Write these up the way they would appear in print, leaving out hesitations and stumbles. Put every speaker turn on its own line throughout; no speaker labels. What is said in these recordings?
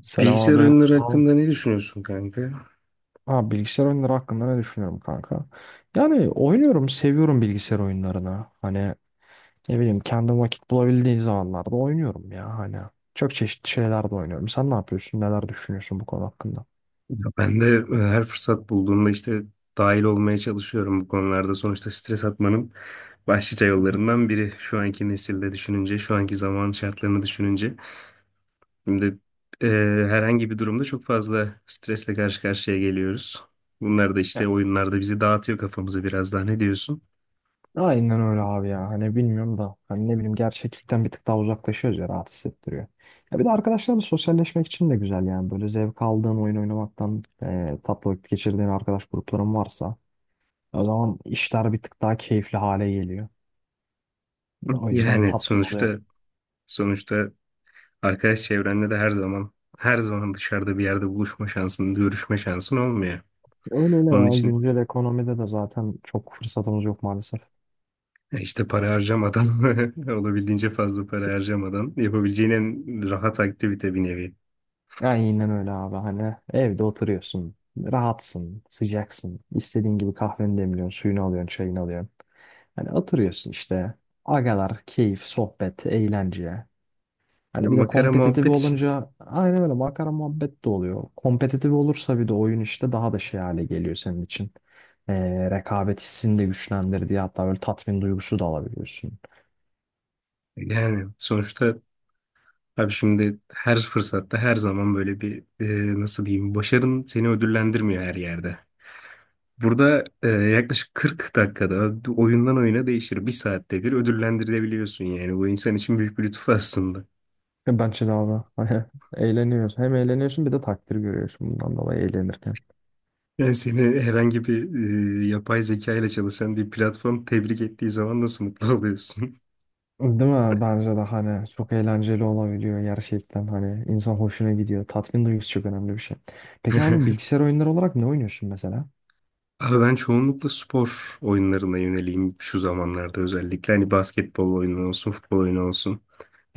Selam
Bilgisayar
abi.
oyunları
Abi
hakkında ne düşünüyorsun kanka?
Abi bilgisayar oyunları hakkında ne düşünüyorum kanka? Yani oynuyorum, seviyorum bilgisayar oyunlarını. Hani ne bileyim kendi vakit bulabildiği zamanlarda oynuyorum ya hani. Çok çeşitli şeyler de oynuyorum. Sen ne yapıyorsun? Neler düşünüyorsun bu konu hakkında?
Ya ben de her fırsat bulduğumda işte dahil olmaya çalışıyorum bu konularda. Sonuçta stres atmanın başlıca
Hı hı.
yollarından biri. Şu anki nesilde düşününce, şu anki zaman şartlarını düşününce. Şimdi e, herhangi bir durumda çok fazla stresle karşı karşıya geliyoruz. Bunlar da işte
Ya
oyunlarda bizi dağıtıyor kafamızı biraz daha. Ne diyorsun?
Aynen öyle abi ya. Hani bilmiyorum da hani ne bileyim gerçeklikten bir tık daha uzaklaşıyoruz ya, rahat hissettiriyor. Ya bir de arkadaşlarla sosyalleşmek için de güzel yani. Böyle zevk aldığın oyun oynamaktan tatlı vakit geçirdiğin arkadaş grupların varsa o zaman işler bir tık daha keyifli hale geliyor. O yüzden
Yani
tatlı oluyor.
sonuçta arkadaş çevrenle de her zaman dışarıda bir yerde buluşma şansın, görüşme şansın olmuyor.
Öyle öyle
Onun
ya.
için
Güncel ekonomide de zaten çok fırsatımız yok maalesef.
e, İşte para harcamadan, olabildiğince fazla para harcamadan yapabileceğin en rahat aktivite bir nevi.
Aynen öyle abi. Hani evde oturuyorsun. Rahatsın, sıcaksın. İstediğin gibi kahveni demliyorsun, suyunu alıyorsun, çayını alıyorsun. Hani oturuyorsun işte. Agalar, keyif, sohbet, eğlence.
Ya
Hani bir de
makara
kompetitif
muhabbet için.
olunca aynen öyle makara muhabbet de oluyor. Kompetitif olursa bir de oyun işte daha da şey hale geliyor senin için. Rekabet hissini de güçlendirdiği hatta böyle tatmin duygusu da alabiliyorsun.
Yani sonuçta abi şimdi her fırsatta her zaman böyle bir nasıl diyeyim, başarın seni ödüllendirmiyor her yerde. Burada yaklaşık 40 dakikada oyundan oyuna değişir. Bir saatte bir ödüllendirilebiliyorsun yani. Bu insan için büyük bir lütuf aslında.
Ya, bence de abi. Eğleniyorsun. Hem eğleniyorsun bir de takdir görüyorsun bundan dolayı eğlenirken.
Yani seni herhangi bir yapay zeka ile çalışan bir platform tebrik ettiği zaman nasıl mutlu oluyorsun?
Değil mi? Bence de hani çok eğlenceli olabiliyor gerçekten, hani insan hoşuna gidiyor. Tatmin duygusu çok önemli bir şey. Peki abi, bilgisayar oyunları olarak ne oynuyorsun mesela?
Abi ben çoğunlukla spor oyunlarına yöneliyim şu zamanlarda özellikle. Hani basketbol oyunu olsun, futbol oyunu olsun,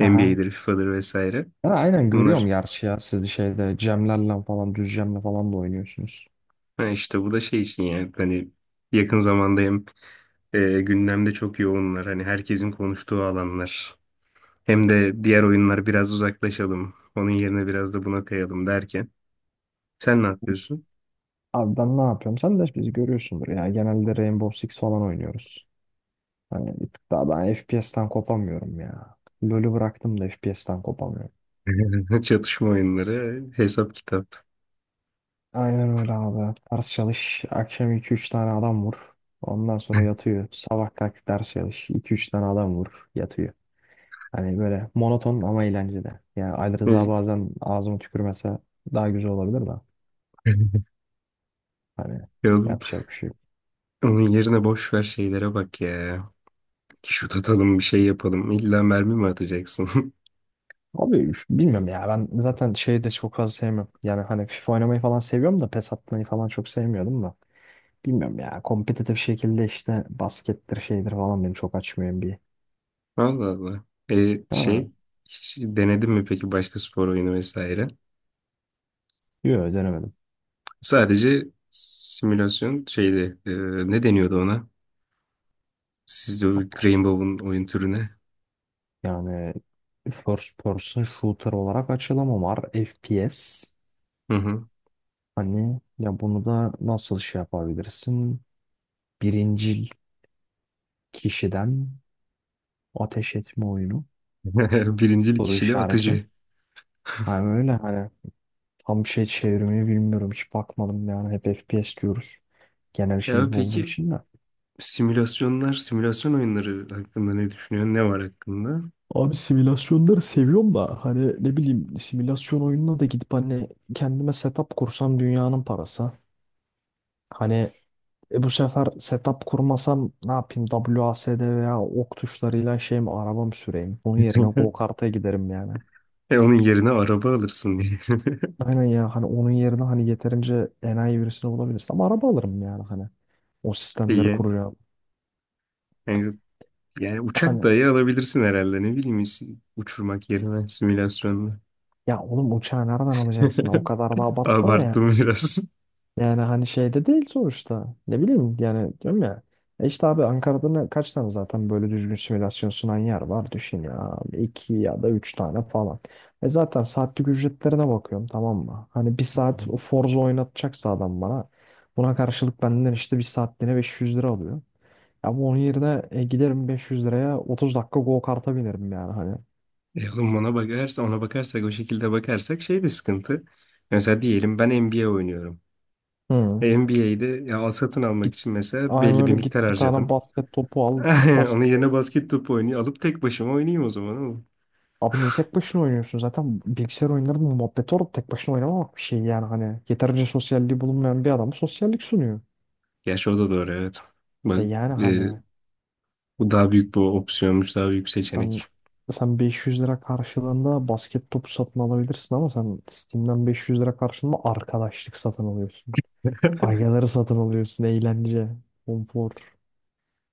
Aha.
FIFA'dır vesaire.
Ha, aynen görüyorum
Bunlar
gerçi ya, siz şeyde Cemlerle falan, düz Cem'le falan da oynuyorsunuz.
ha işte bu da şey için yani hani yakın zamanda hem gündemde çok yoğunlar. Hani herkesin konuştuğu alanlar. Hem de diğer oyunlar biraz uzaklaşalım. Onun yerine biraz da buna kayalım derken. Sen ne yapıyorsun?
Abi ben ne yapıyorum? Sen de bizi görüyorsundur ya. Genelde Rainbow Six falan oynuyoruz. Hani bir tık daha ben FPS'ten kopamıyorum ya. LoL'ü bıraktım da FPS'ten kopamıyorum.
Çatışma oyunları, hesap kitap.
Aynen öyle abi. Ders çalış. Akşam iki üç tane adam vur. Ondan sonra yatıyor. Sabah kalk ders çalış. İki üç tane adam vur. Yatıyor. Hani böyle monoton ama eğlenceli. Yani Ali Rıza bazen ağzıma tükürmese daha güzel olabilir de. Hani
Yavrum,
yapacak bir şey yok.
onun yerine boş ver şeylere bak ya. Şut atalım bir şey yapalım. İlla mermi mi atacaksın?
Abi bilmiyorum ya, ben zaten şeyi de çok fazla sevmiyorum. Yani hani FIFA oynamayı falan seviyorum da PES atmayı falan çok sevmiyordum da. Bilmiyorum ya, kompetitif şekilde işte baskettir şeydir falan beni çok açmıyor bir.
Allah Allah. E,
Ha,
şey hiç denedin mi peki başka spor oyunu vesaire?
yok, denemedim.
Sadece simülasyon şeydi. Ne deniyordu ona? Sizde o Rainbow'un oyun türüne.
Yani first person shooter olarak açılımı var. FPS.
Hı hı.
Hani ya bunu da nasıl şey yapabilirsin? Birincil kişiden ateş etme oyunu.
Birincil
Soru
kişili
işareti.
atıcı.
Hani öyle hani tam şey çevirmeyi bilmiyorum. Hiç bakmadım yani. Hep FPS diyoruz. Genel
Ya
şey bu olduğu
peki
için de.
simülasyonlar, simülasyon oyunları hakkında ne düşünüyorsun? Ne var hakkında?
Abi simülasyonları seviyorum da hani ne bileyim simülasyon oyununa da gidip hani kendime setup kursam dünyanın parası. Hani E bu sefer setup kurmasam ne yapayım? W A S D veya ok tuşlarıyla şey mi arabam süreyim? Onun yerine go-kart'a giderim yani.
E, onun yerine araba alırsın diye.
Aynen ya, hani onun yerine hani yeterince enayi birisini bulabilirsin. Ama araba alırım yani hani. O sistemleri
İyi.
kuracağım.
Yani Yani uçak
Hani
dahi alabilirsin herhalde, ne bileyim, uçurmak yerine simülasyonla.
ya oğlum, uçağı nereden alacaksın? O kadar da abartma da yani.
Abarttım biraz.
Yani hani şeyde değil sonuçta. Ne bileyim yani, diyorum ya. E işte abi, Ankara'da kaç tane zaten böyle düzgün simülasyon sunan yer var düşün ya. İki ya da üç tane falan. E zaten saatlik ücretlerine bakıyorum, tamam mı? Hani bir saat o Forza oynatacaksa adam bana. Buna karşılık benden işte bir saatliğine 500 lira alıyor. Ama onun yerine giderim 500 liraya 30 dakika go kart'a binerim yani hani.
E oğlum, ona bakarsa, ona bakarsak, o şekilde bakarsak şey de sıkıntı. Mesela diyelim ben NBA oynuyorum.
Hı.
NBA'de ya al satın almak
Git,
için mesela
aynı
belli bir
öyle
miktar
git bir tane
harcadım.
basket topu al git
Onun
basket.
yerine basket topu oynuyor. Alıp tek başıma oynayayım o zaman oğlum.
Abi niye tek başına oynuyorsun? Zaten bilgisayar oyunlarının muhabbeti orada, tek başına oynamamak bir şey yani hani. Yeterince sosyalliği bulunmayan bir adama sosyallik sunuyor.
Gerçi o da doğru, evet.
E
Bak
yani
e,
hani,
bu daha büyük bir opsiyonmuş, daha büyük bir
sen
seçenek.
sen 500 lira karşılığında basket topu satın alabilirsin ama sen Steam'den 500 lira karşılığında arkadaşlık satın alıyorsun. Aygaları satın alıyorsun, eğlence, konfor.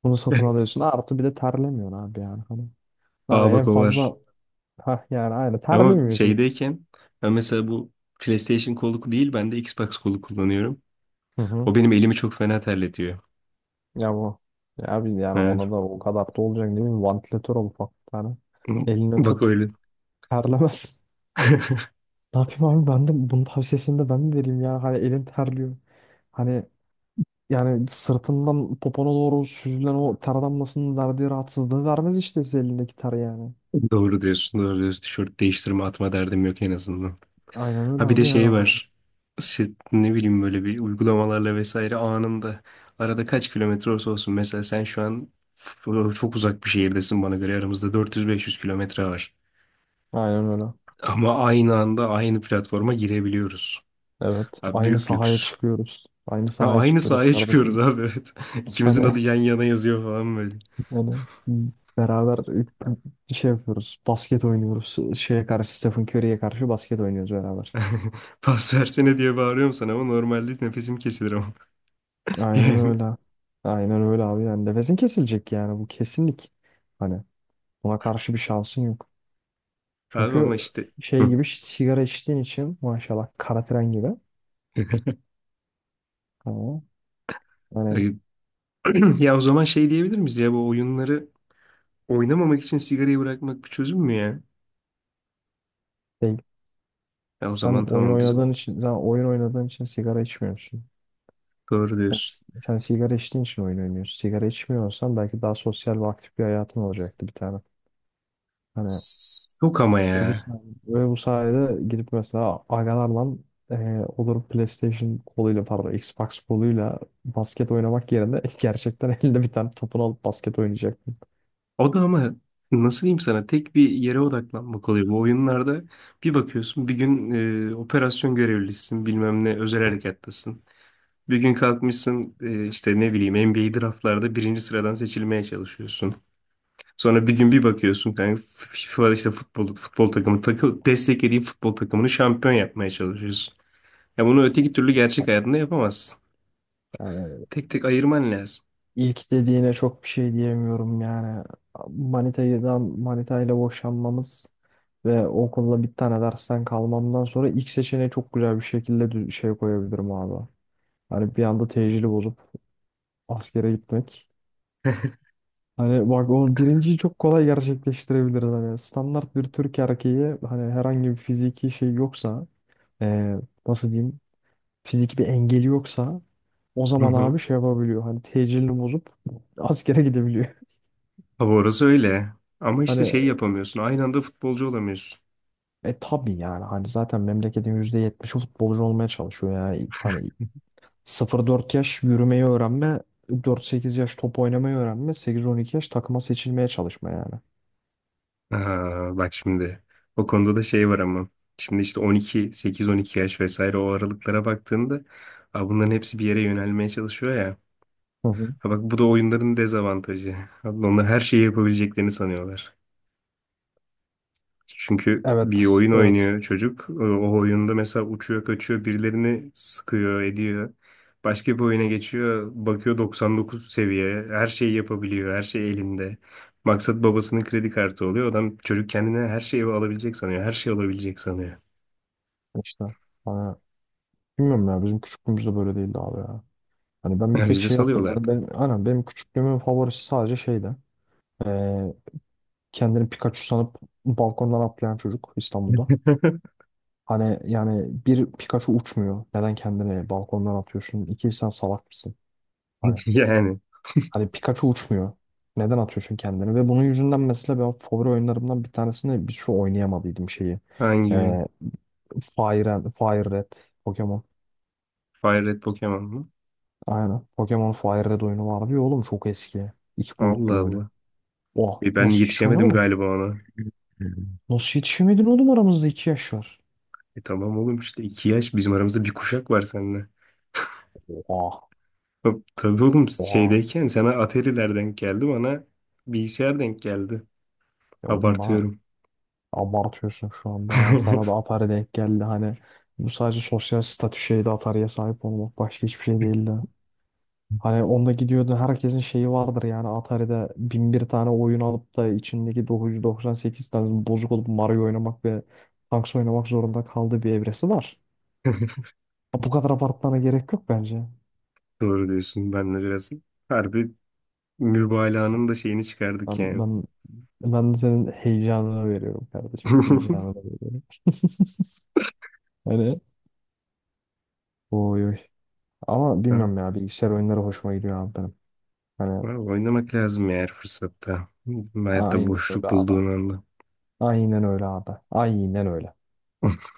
Bunu satın alıyorsun. Artı bir de terlemiyorsun abi yani hani. Abi
Aa bak,
en
o var.
fazla, ha yani, aynı
Ama
terlemiyorsun.
şeydeyken ben mesela bu PlayStation kolu değil, ben de Xbox kolu kullanıyorum.
Hı hı.
O benim elimi çok fena terletiyor.
Ya bu. Ya abi, yani
Evet.
ona da o kadar da olacak değil mi? Vantilatör al, ufak bir tane. Eline
Bak
tut.
öyle.
Terlemez. Ne yapayım abi, ben de bunun tavsiyesini de ben mi vereyim ya? Hani elin terliyor. Hani yani sırtından popona doğru süzülen o ter damlasının verdiği rahatsızlığı vermez işte size elindeki ter yani.
Doğru diyorsun, doğru diyorsun. Tişört değiştirme atma derdim yok en azından.
Aynen öyle
Ha bir de
abi yani
şey
hani.
var. Şey, ne bileyim böyle bir uygulamalarla vesaire anında arada kaç kilometre olsa olsun. Mesela sen şu an çok uzak bir şehirdesin, bana göre aramızda 400-500 kilometre var.
Aynen öyle.
Ama aynı anda aynı platforma girebiliyoruz.
Evet.
Abi
Aynı
büyük
sahaya
lüks.
çıkıyoruz. Aynı
Ha,
sahaya
aynı
çıkıyoruz
sahaya çıkıyoruz
kardeşim.
abi, evet. İkimizin
Hani
adı yan yana yazıyor falan böyle.
Onu beraber şey yapıyoruz. Basket oynuyoruz. Şeye karşı, Stephen Curry'ye karşı basket oynuyoruz beraber.
Pas versene diye bağırıyorum sana ama normalde nefesim kesilir ama.
Aynen öyle. Aynen öyle abi. Yani nefesin kesilecek yani, bu kesinlik. Hani buna karşı bir şansın yok.
Yani abi
Çünkü
ama işte.
şey
Hı.
gibi, sigara içtiğin için maşallah kara tren gibi. Ama hani
Ay- Ya o zaman şey diyebilir miyiz, ya bu oyunları oynamamak için sigarayı bırakmak bir çözüm mü ya?
şey,
Ya o
sen
zaman
oyun
tamam biz o.
oynadığın için sen oyun oynadığın için sigara içmiyorsun.
Doğru
Sen,
diyorsun.
sen sigara içtiğin için oyun oynuyorsun. Sigara içmiyorsan belki daha sosyal ve aktif bir hayatın olacaktı bir tane. Hani
Yok ama
Ve bu
ya.
sayede, ve bu sayede gidip mesela agalarla olur PlayStation koluyla, pardon, Xbox koluyla basket oynamak yerine gerçekten elinde bir tane topunu alıp basket oynayacaktım.
O da ama nasıl diyeyim sana, tek bir yere odaklanmak oluyor. Bu oyunlarda bir bakıyorsun bir gün operasyon görevlisisin, bilmem ne özel harekattasın. Bir gün kalkmışsın işte ne bileyim NBA draftlarda birinci sıradan seçilmeye çalışıyorsun. Sonra bir gün bir bakıyorsun kanka, FIFA işte futbol, desteklediğin futbol takımını şampiyon yapmaya çalışıyorsun. Ya bunu öteki türlü gerçek hayatında yapamazsın.
Yani
Tek tek ayırman lazım.
ilk dediğine çok bir şey diyemiyorum yani. Manita'dan Manita'yla boşanmamız ve okulda bir tane dersten kalmamdan sonra ilk seçeneği çok güzel bir şekilde şey koyabilirim abi. Hani bir anda tecili bozup askere gitmek. Hani bak, o birinciyi çok kolay gerçekleştirebiliriz. Hani standart bir Türk erkeği, hani herhangi bir fiziki şey yoksa, eee, nasıl diyeyim, fiziki bir engeli yoksa o
Hı
zaman
hı.
abi şey yapabiliyor. Hani tecilini bozup askere gidebiliyor.
Tabii orası öyle. Ama işte
Hani
şey yapamıyorsun. Aynı anda futbolcu olamıyorsun.
tabii yani, hani zaten memleketin %70'i futbolcu olmaya çalışıyor yani. Hani 0-4 yaş yürümeyi öğrenme, 4-8 yaş top oynamayı öğrenme, 8-12 yaş takıma seçilmeye çalışma yani.
Aha, bak şimdi o konuda da şey var ama. Şimdi işte 8-12 yaş vesaire o aralıklara baktığında, aa, bunların hepsi bir yere yönelmeye çalışıyor ya.
Hı hı.
Ha bak, bu da oyunların dezavantajı. Abi onlar her şeyi yapabileceklerini sanıyorlar. Çünkü bir
Evet,
oyun
evet.
oynuyor çocuk. O oyunda mesela uçuyor, kaçıyor, birilerini sıkıyor, ediyor. Başka bir oyuna geçiyor, bakıyor 99 seviye. Her şeyi yapabiliyor, her şey elinde. Maksat babasının kredi kartı oluyor. Adam, çocuk kendine her şeyi alabilecek sanıyor, her şey olabilecek sanıyor.
İşte. Hani bilmiyorum ya, bizim küçüklüğümüzde böyle değildi abi ya. Hani ben bir tek
Biz de
şey hatırlıyorum.
salıyorlardı.
Benim, aynen benim küçüklüğümün favorisi sadece şeydi. Ee, kendini Pikachu sanıp balkondan atlayan çocuk İstanbul'da. Hani yani bir Pikachu uçmuyor. Neden kendini balkondan atıyorsun? İki, sen salak mısın? Hani,
Yani
hani, Pikachu uçmuyor. Neden atıyorsun kendini? Ve bunun yüzünden mesela ben favori oyunlarımdan bir tanesini bir şu oynayamadıydım şeyi.
hangi oyun?
Ee, Fire Red Pokemon.
Fire Red Pokemon mu?
Aynen. Pokemon Fire Red oyunu vardı ya oğlum, çok eski. İki
Allah
boyutlu böyle.
Allah.
Oha,
E ben
nasıl hiç
yetişemedim
oynamadın mı?
galiba ona.
Hı. Hı. Nasıl yetişemedin oğlum, aramızda 2 yaş var.
E tamam oğlum, işte iki yaş bizim aramızda, bir kuşak var seninle.
Oha.
Hop, tabii oğlum
Oha.
şeydeyken sana Atari'ler denk geldi, bana bilgisayar denk geldi.
Ya oğlum bana
Abartıyorum.
abartıyorsun şu anda yani, sana da Atari denk geldi hani, bu sadece sosyal statü şeydi, Atari'ye sahip olmak başka hiçbir şey değildi. Hani onda gidiyordu, herkesin şeyi vardır yani, Atari'de bin bir tane oyun alıp da içindeki 998 tane bozuk olup Mario oynamak ve Tanks oynamak zorunda kaldığı bir evresi var. Bu kadar abartmana gerek yok bence.
Doğru diyorsun, ben de biraz harbi mübalağanın da şeyini çıkardık
Ben,
yani.
ben, ben de senin heyecanına veriyorum kardeşim. Heyecanına veriyorum. Hani oy oy. Ama
Tamam.
bilmiyorum ya, bilgisayar oyunları hoşuma gidiyor abi benim. Hani
Vallahi oynamak lazım eğer fırsatta. Hayatta
aynen öyle
boşluk
abi.
bulduğun anda.
Aynen öyle abi. Aynen öyle.